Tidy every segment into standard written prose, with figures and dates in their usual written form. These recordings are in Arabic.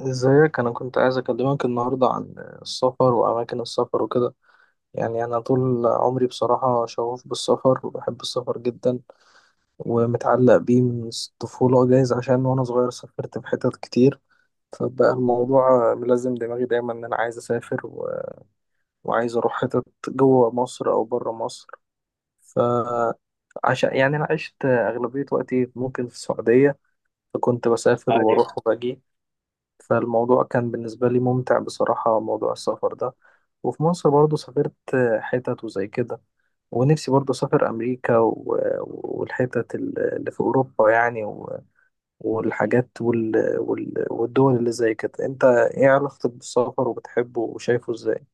ازيك، انا كنت عايز اكلمك النهارده عن السفر واماكن السفر وكده. يعني انا طول عمري بصراحه شغوف بالسفر، وبحب السفر جدا، ومتعلق بيه من الطفوله، جايز عشان وانا صغير سافرت في حتت كتير. فبقى الموضوع ملازم دماغي دايما ان انا عايز اسافر وعايز اروح حتت جوه مصر او بره مصر. فعشان يعني انا عشت اغلبيه وقتي ممكن في السعوديه، فكنت بسافر طيب، واروح وباجي. فالموضوع كان بالنسبة لي ممتع بصراحة، موضوع السفر ده. وفي مصر برضو سافرت حتت وزي كده. ونفسي برضو أسافر أمريكا والحتت اللي في أوروبا، يعني والحاجات والدول اللي زي كده. أنت إيه علاقتك بالسفر، وبتحبه وشايفه إزاي؟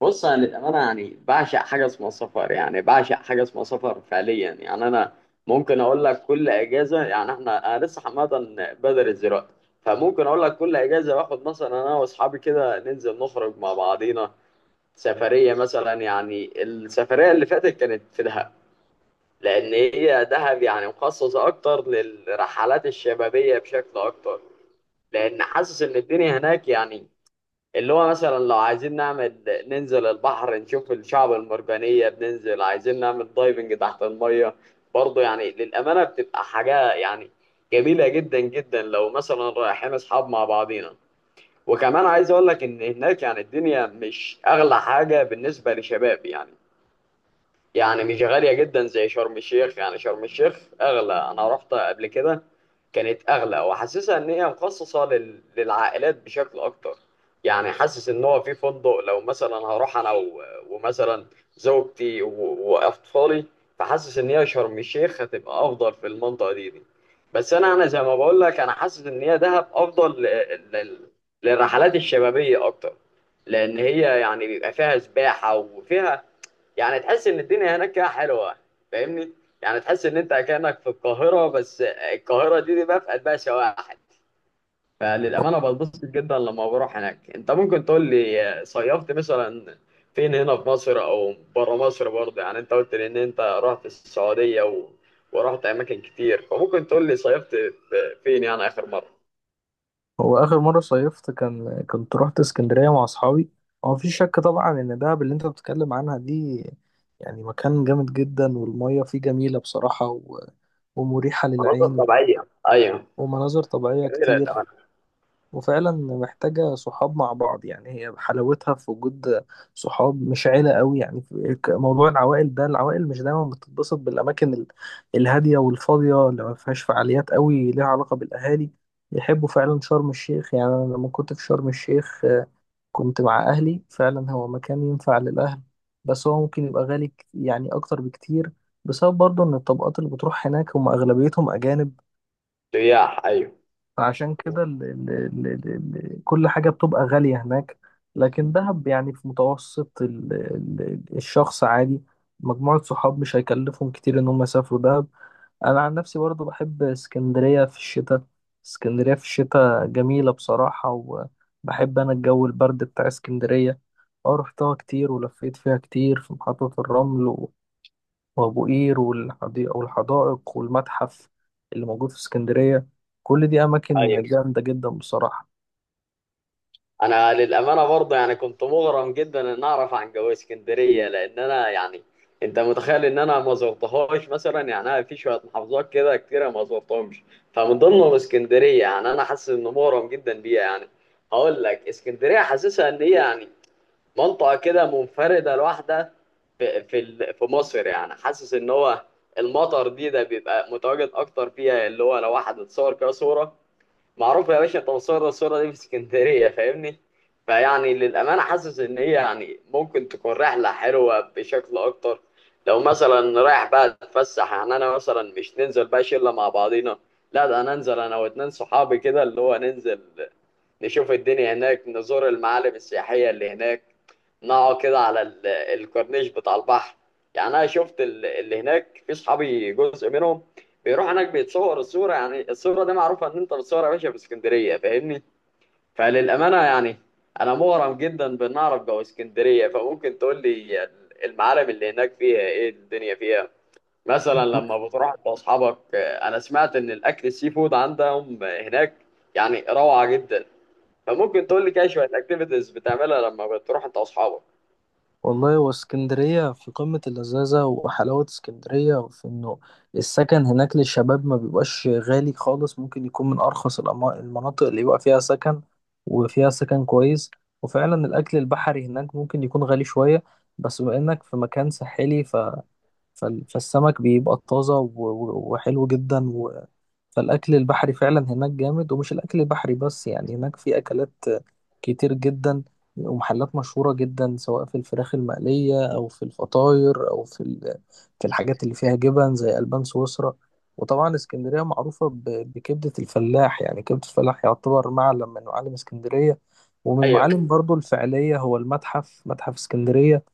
بص انا للامانه يعني بعشق حاجه اسمها سفر، يعني بعشق حاجه اسمها سفر فعليا. يعني انا ممكن اقول لك كل اجازه، يعني انا لسه حمادا بدرس دلوقتي. فممكن اقول لك كل اجازه باخد مثلا انا واصحابي كده ننزل نخرج مع بعضينا سفريه مثلا. يعني السفريه اللي فاتت كانت في دهب، لان هي دهب يعني مخصصه اكتر للرحلات الشبابيه بشكل اكتر. لان حاسس ان الدنيا هناك يعني، اللي هو مثلا لو عايزين نعمل، ننزل البحر نشوف الشعب المرجانية، بننزل عايزين نعمل دايفنج تحت المية. برضه يعني للأمانة بتبقى حاجة يعني جميلة جدا جدا لو مثلا رايحين أصحاب مع بعضينا. وكمان عايز أقول لك إن هناك يعني الدنيا مش أغلى حاجة بالنسبة لشباب، يعني يعني مش غالية جدا زي شرم الشيخ. يعني شرم الشيخ أغلى، أنا رحت قبل كده كانت أغلى، وحاسسها إن هي مخصصة للعائلات بشكل أكتر. يعني حاسس إن هو في فندق لو مثلا هروح أنا ومثلا زوجتي وأطفالي. فحاسس إن هي شرم الشيخ هتبقى أفضل في المنطقة دي. بس أنا زي ما بقول لك أنا حاسس إن هي دهب أفضل لل... للرحلات الشبابية أكتر. لأن هي يعني بيبقى فيها سباحة وفيها، يعني تحس ان الدنيا هناك كده حلوه، فاهمني؟ يعني تحس ان انت كانك في القاهره، بس القاهره دي بقى في قلبها شواحن. فللامانه بتبسط جدا لما بروح هناك. انت ممكن تقول لي صيفت مثلا فين؟ هنا في مصر او بره مصر؟ برضه يعني انت قلت لي ان انت رحت السعوديه ورحت اماكن كتير. فممكن تقول لي صيفت فين يعني اخر مره؟ هو آخر مرة صيفت كان كنت رحت اسكندرية مع أصحابي. هو مفيش شك طبعا إن دهب اللي أنت بتتكلم عنها دي يعني مكان جامد جدا، والمية فيه جميلة بصراحة ومريحة مناطق للعين، طبيعيه، ايوه. ومناظر طبيعية جميله، كتير. تمام. وفعلا محتاجة صحاب مع بعض، يعني هي حلاوتها في وجود صحاب، مش عيلة قوي. يعني موضوع العوائل ده، العوائل مش دايما بتتبسط بالأماكن الهادية والفاضية اللي ما فيهاش فعاليات قوي ليها علاقة بالأهالي. يحبوا فعلا شرم الشيخ. يعني أنا لما كنت في شرم الشيخ آه، كنت مع أهلي، فعلا هو مكان ينفع للأهل. بس هو ممكن يبقى غالي يعني أكتر بكتير، بسبب برضه إن الطبقات اللي بتروح هناك هم أغلبيتهم أجانب. سياح، ايوه. فعشان كده ال كل حاجة بتبقى غالية هناك. لكن دهب يعني في متوسط ال الشخص عادي، مجموعة صحاب، مش هيكلفهم كتير إن هم يسافروا دهب. أنا عن نفسي برضو بحب اسكندرية في الشتاء، اسكندرية في الشتاء جميلة بصراحة، وبحب أنا الجو البرد بتاع اسكندرية. اه، رحتها كتير ولفيت فيها كتير، في محطة الرمل وأبو قير والحدائق والمتحف اللي موجود في اسكندرية. كل دي أماكن ايوه. جامدة جدا بصراحة. انا للامانه برضه يعني كنت مغرم جدا ان اعرف عن جو اسكندريه، لان انا يعني انت متخيل ان انا ما زرتهاش مثلا؟ يعني انا في شويه محافظات كده كتيره ما زرتهمش، فمن ضمنهم اسكندريه. يعني انا حاسس انه مغرم جدا بيها يعني. هقول لك، اسكندريه حاسسها ان هي يعني منطقه كده منفرده لوحدها في مصر. يعني حاسس ان هو المطر ده بيبقى متواجد اكتر فيها، اللي هو لو واحد اتصور كده صوره، معروف يا باشا توصيل الصورة دي في اسكندرية، فاهمني؟ فيعني للأمانة حاسس إن هي يعني ممكن تكون رحلة حلوة بشكل أكتر لو مثلا رايح بقى أتفسح. يعني أنا مثلا مش ننزل بقى شلة مع بعضينا، لا، ده أنا أنزل أنا واتنين صحابي كده، اللي هو ننزل نشوف الدنيا هناك، نزور المعالم السياحية اللي هناك، نقعد كده على الكورنيش بتاع البحر. يعني أنا شفت اللي هناك في صحابي جزء منهم بيروح هناك بيتصور الصورة. يعني الصورة دي معروفة إن أنت بتصور يا باشا في اسكندرية، فاهمني؟ فللأمانة يعني أنا مغرم جدا بإن أعرف جو اسكندرية. فممكن تقول لي المعالم اللي هناك فيها إيه؟ الدنيا فيها؟ مثلا لما بتروح بأصحابك. أنا سمعت إن الأكل السي فود عندهم هناك يعني روعة جدا. فممكن تقول لي كده شوية أكتيفيتيز بتعملها لما بتروح أنت وأصحابك. والله، واسكندرية في قمة اللذاذة. وحلاوة اسكندرية وفي إنه السكن هناك للشباب ما بيبقاش غالي خالص، ممكن يكون من أرخص المناطق اللي يبقى فيها سكن، وفيها سكن كويس. وفعلا الأكل البحري هناك ممكن يكون غالي شوية، بس بما إنك في مكان ساحلي، فالسمك بيبقى طازة وحلو جدا فالأكل البحري فعلا هناك جامد. ومش الأكل البحري بس، يعني هناك في أكلات كتير جدا، ومحلات مشهورة جدا، سواء في الفراخ المقلية أو في الفطاير أو في في الحاجات اللي فيها جبن زي ألبان سويسرا. وطبعا اسكندرية معروفة بكبدة الفلاح، يعني كبدة الفلاح يعتبر معلم من معالم اسكندرية. ومن أيوه، المعالم برضو الفعلية هو المتحف، متحف اسكندرية،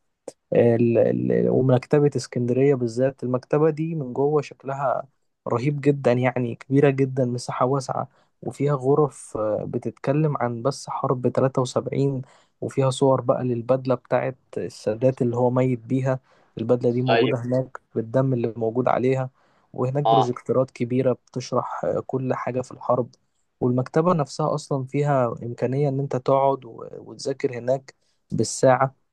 ال- ومكتبة اسكندرية. بالذات المكتبة دي من جوه شكلها رهيب جدا، يعني كبيرة جدا، مساحة واسعة. وفيها غرف بتتكلم عن بس حرب 73، وفيها صور بقى للبدلة بتاعت السادات اللي هو ميت بيها. البدلة دي موجودة أيوه. هناك بالدم اللي موجود عليها. وهناك أه. بروجكتورات كبيرة بتشرح كل حاجة في الحرب. والمكتبة نفسها أصلا فيها إمكانية إن أنت تقعد وتذاكر هناك بالساعة،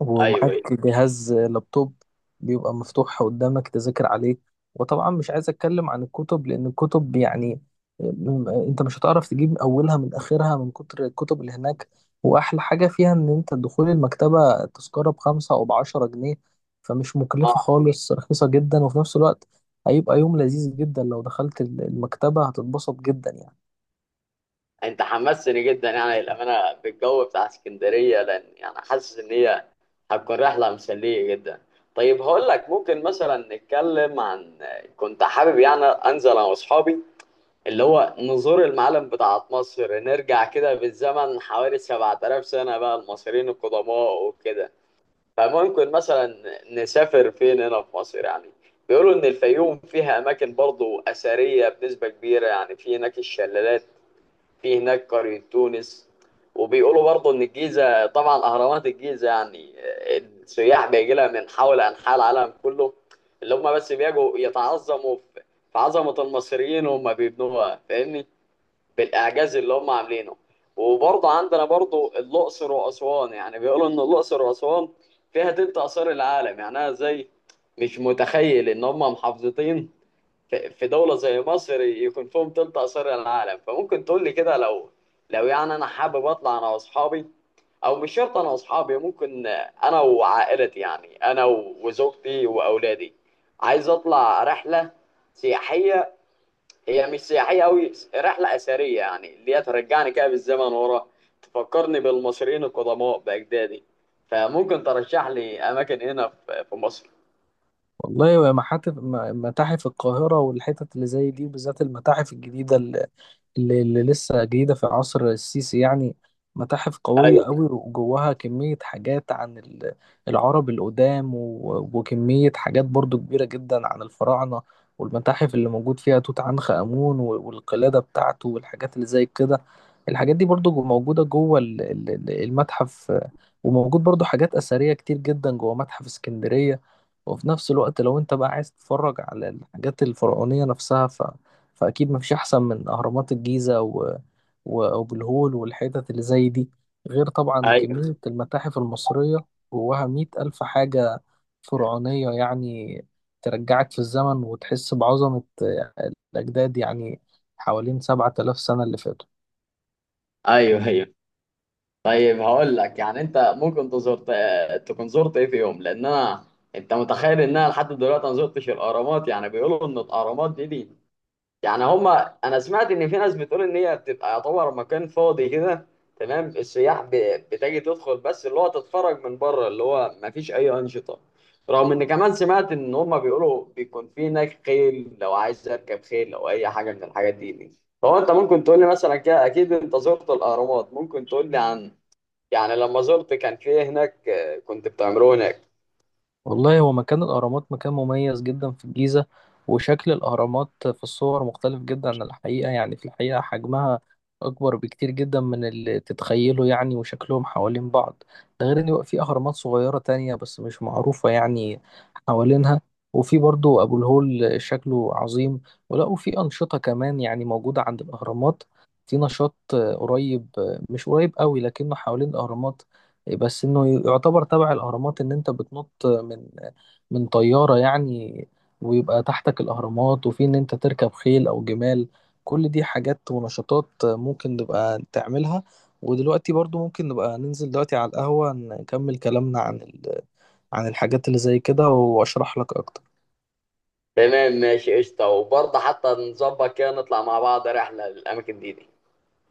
ومعاك أيوه، أيوه. جهاز لابتوب بيبقى مفتوح قدامك تذاكر عليه. وطبعا مش عايز اتكلم عن الكتب، لان الكتب يعني انت مش هتعرف تجيب اولها من اخرها من كتر الكتب اللي هناك. واحلى حاجة فيها ان انت دخول المكتبة تذكرة ب5 او ب10 جنيه، فمش مكلفة آه. خالص، رخيصة جدا. وفي نفس الوقت هيبقى يوم لذيذ جدا لو دخلت المكتبة، هتتبسط جدا يعني. انت حمستني جدا يعني الامانه بالجو بتاع اسكندريه، لان يعني حاسس ان هي هتكون رحله مسليه جدا. طيب هقول لك، ممكن مثلا نتكلم عن، كنت حابب يعني انزل انا واصحابي اللي هو نزور المعالم بتاعت مصر، نرجع كده بالزمن حوالي 7000 سنه بقى المصريين القدماء وكده. فممكن مثلا نسافر فين هنا في مصر يعني؟ بيقولوا ان الفيوم فيها اماكن برضو اثريه بنسبه كبيره، يعني في هناك الشلالات، في هناك قرية تونس. وبيقولوا برضه إن الجيزة طبعا أهرامات الجيزة يعني، السياح بيجي لها من حول أنحاء العالم كله، اللي هم بس بيجوا يتعظموا في عظمة المصريين وهم بيبنوها، فاهمني؟ بالإعجاز اللي هم عاملينه. وبرضه عندنا برضه الأقصر وأسوان، يعني بيقولوا إن الأقصر وأسوان فيها تلت آثار العالم. يعني أنا زي، مش متخيل إن هم محافظتين في دولة زي مصر يكون فيهم تلت آثار العالم. فممكن تقول لي كده، لو يعني أنا حابب أطلع أنا وأصحابي، أو مش شرط أنا وأصحابي، ممكن أنا وعائلتي، يعني أنا وزوجتي وأولادي، عايز أطلع رحلة سياحية. هي مش سياحية أوي، رحلة أثرية، يعني اللي هي ترجعني كده بالزمن ورا، تفكرني بالمصريين القدماء بأجدادي. فممكن ترشح لي أماكن هنا في مصر؟ والله، متاحف، متاحف القاهرة والحتت اللي زي دي، بالذات المتاحف الجديدة اللي لسه جديدة في عصر السيسي يعني، متاحف قوية قوي، أيوه، وجواها كمية حاجات عن العرب القدام، وكمية حاجات برضو كبيرة جدا عن الفراعنة. والمتاحف اللي موجود فيها توت عنخ آمون والقلادة بتاعته والحاجات اللي زي كده، الحاجات دي برضو موجودة جوه المتحف. وموجود برضو حاجات أثرية كتير جدا جوه متحف اسكندرية. وفي نفس الوقت لو انت بقى عايز تتفرج على الحاجات الفرعونية نفسها، فأكيد مفيش أحسن من أهرامات الجيزة وأبو الهول والحتت اللي زي دي، غير طبعا أيوه. كمية المتاحف المصرية، جواها مئة ألف حاجة فرعونية يعني، ترجعك في الزمن وتحس بعظمة الأجداد، يعني حوالين 7000 سنة اللي فاتوا. أيوه، أيوه. طيب هقول لك، يعني انت ممكن تزورت تكون زرت ايه في يوم؟ لان انا، انت متخيل ان انا لحد دلوقتي ما زرتش الاهرامات؟ يعني بيقولوا ان الاهرامات دي يعني هما، انا سمعت ان في ناس بتقول ان هي بتبقى يعتبر مكان فاضي كده، تمام، السياح بتجي تدخل بس، اللي هو تتفرج من بره، اللي هو ما فيش اي انشطه. رغم ان كمان سمعت ان هما بيقولوا بيكون في هناك خيل لو عايز اركب خيل او اي حاجه من الحاجات دي. فهو انت ممكن تقول لي مثلا كده، اكيد انت زرت الاهرامات، ممكن تقول لي عن، يعني لما زرت كان في هناك كنت بتعملوه هناك؟ والله، هو مكان الأهرامات مكان مميز جدا في الجيزة. وشكل الأهرامات في الصور مختلف جدا عن الحقيقة، يعني في الحقيقة حجمها أكبر بكتير جدا من اللي تتخيله يعني، وشكلهم حوالين بعض. ده غير إن بيبقى في أهرامات صغيرة تانية بس مش معروفة يعني حوالينها. وفي برضو أبو الهول، شكله عظيم. وفي أنشطة كمان يعني موجودة عند الأهرامات، في نشاط آه، قريب آه، مش قريب قوي لكنه حوالين الأهرامات، بس انه يعتبر تبع الاهرامات، ان انت بتنط من من طيارة يعني، ويبقى تحتك الاهرامات. وفي ان انت تركب خيل او جمال، كل دي حاجات ونشاطات ممكن نبقى تعملها. ودلوقتي برضو ممكن نبقى ننزل دلوقتي على القهوة نكمل كلامنا عن عن الحاجات اللي زي كده، واشرح لك اكتر. تمام، ماشي، قشطة. وبرضه حتى نظبط كده نطلع مع بعض رحلة للأماكن دي.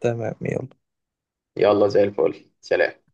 تمام، يلا. يلا، زي الفل، سلام.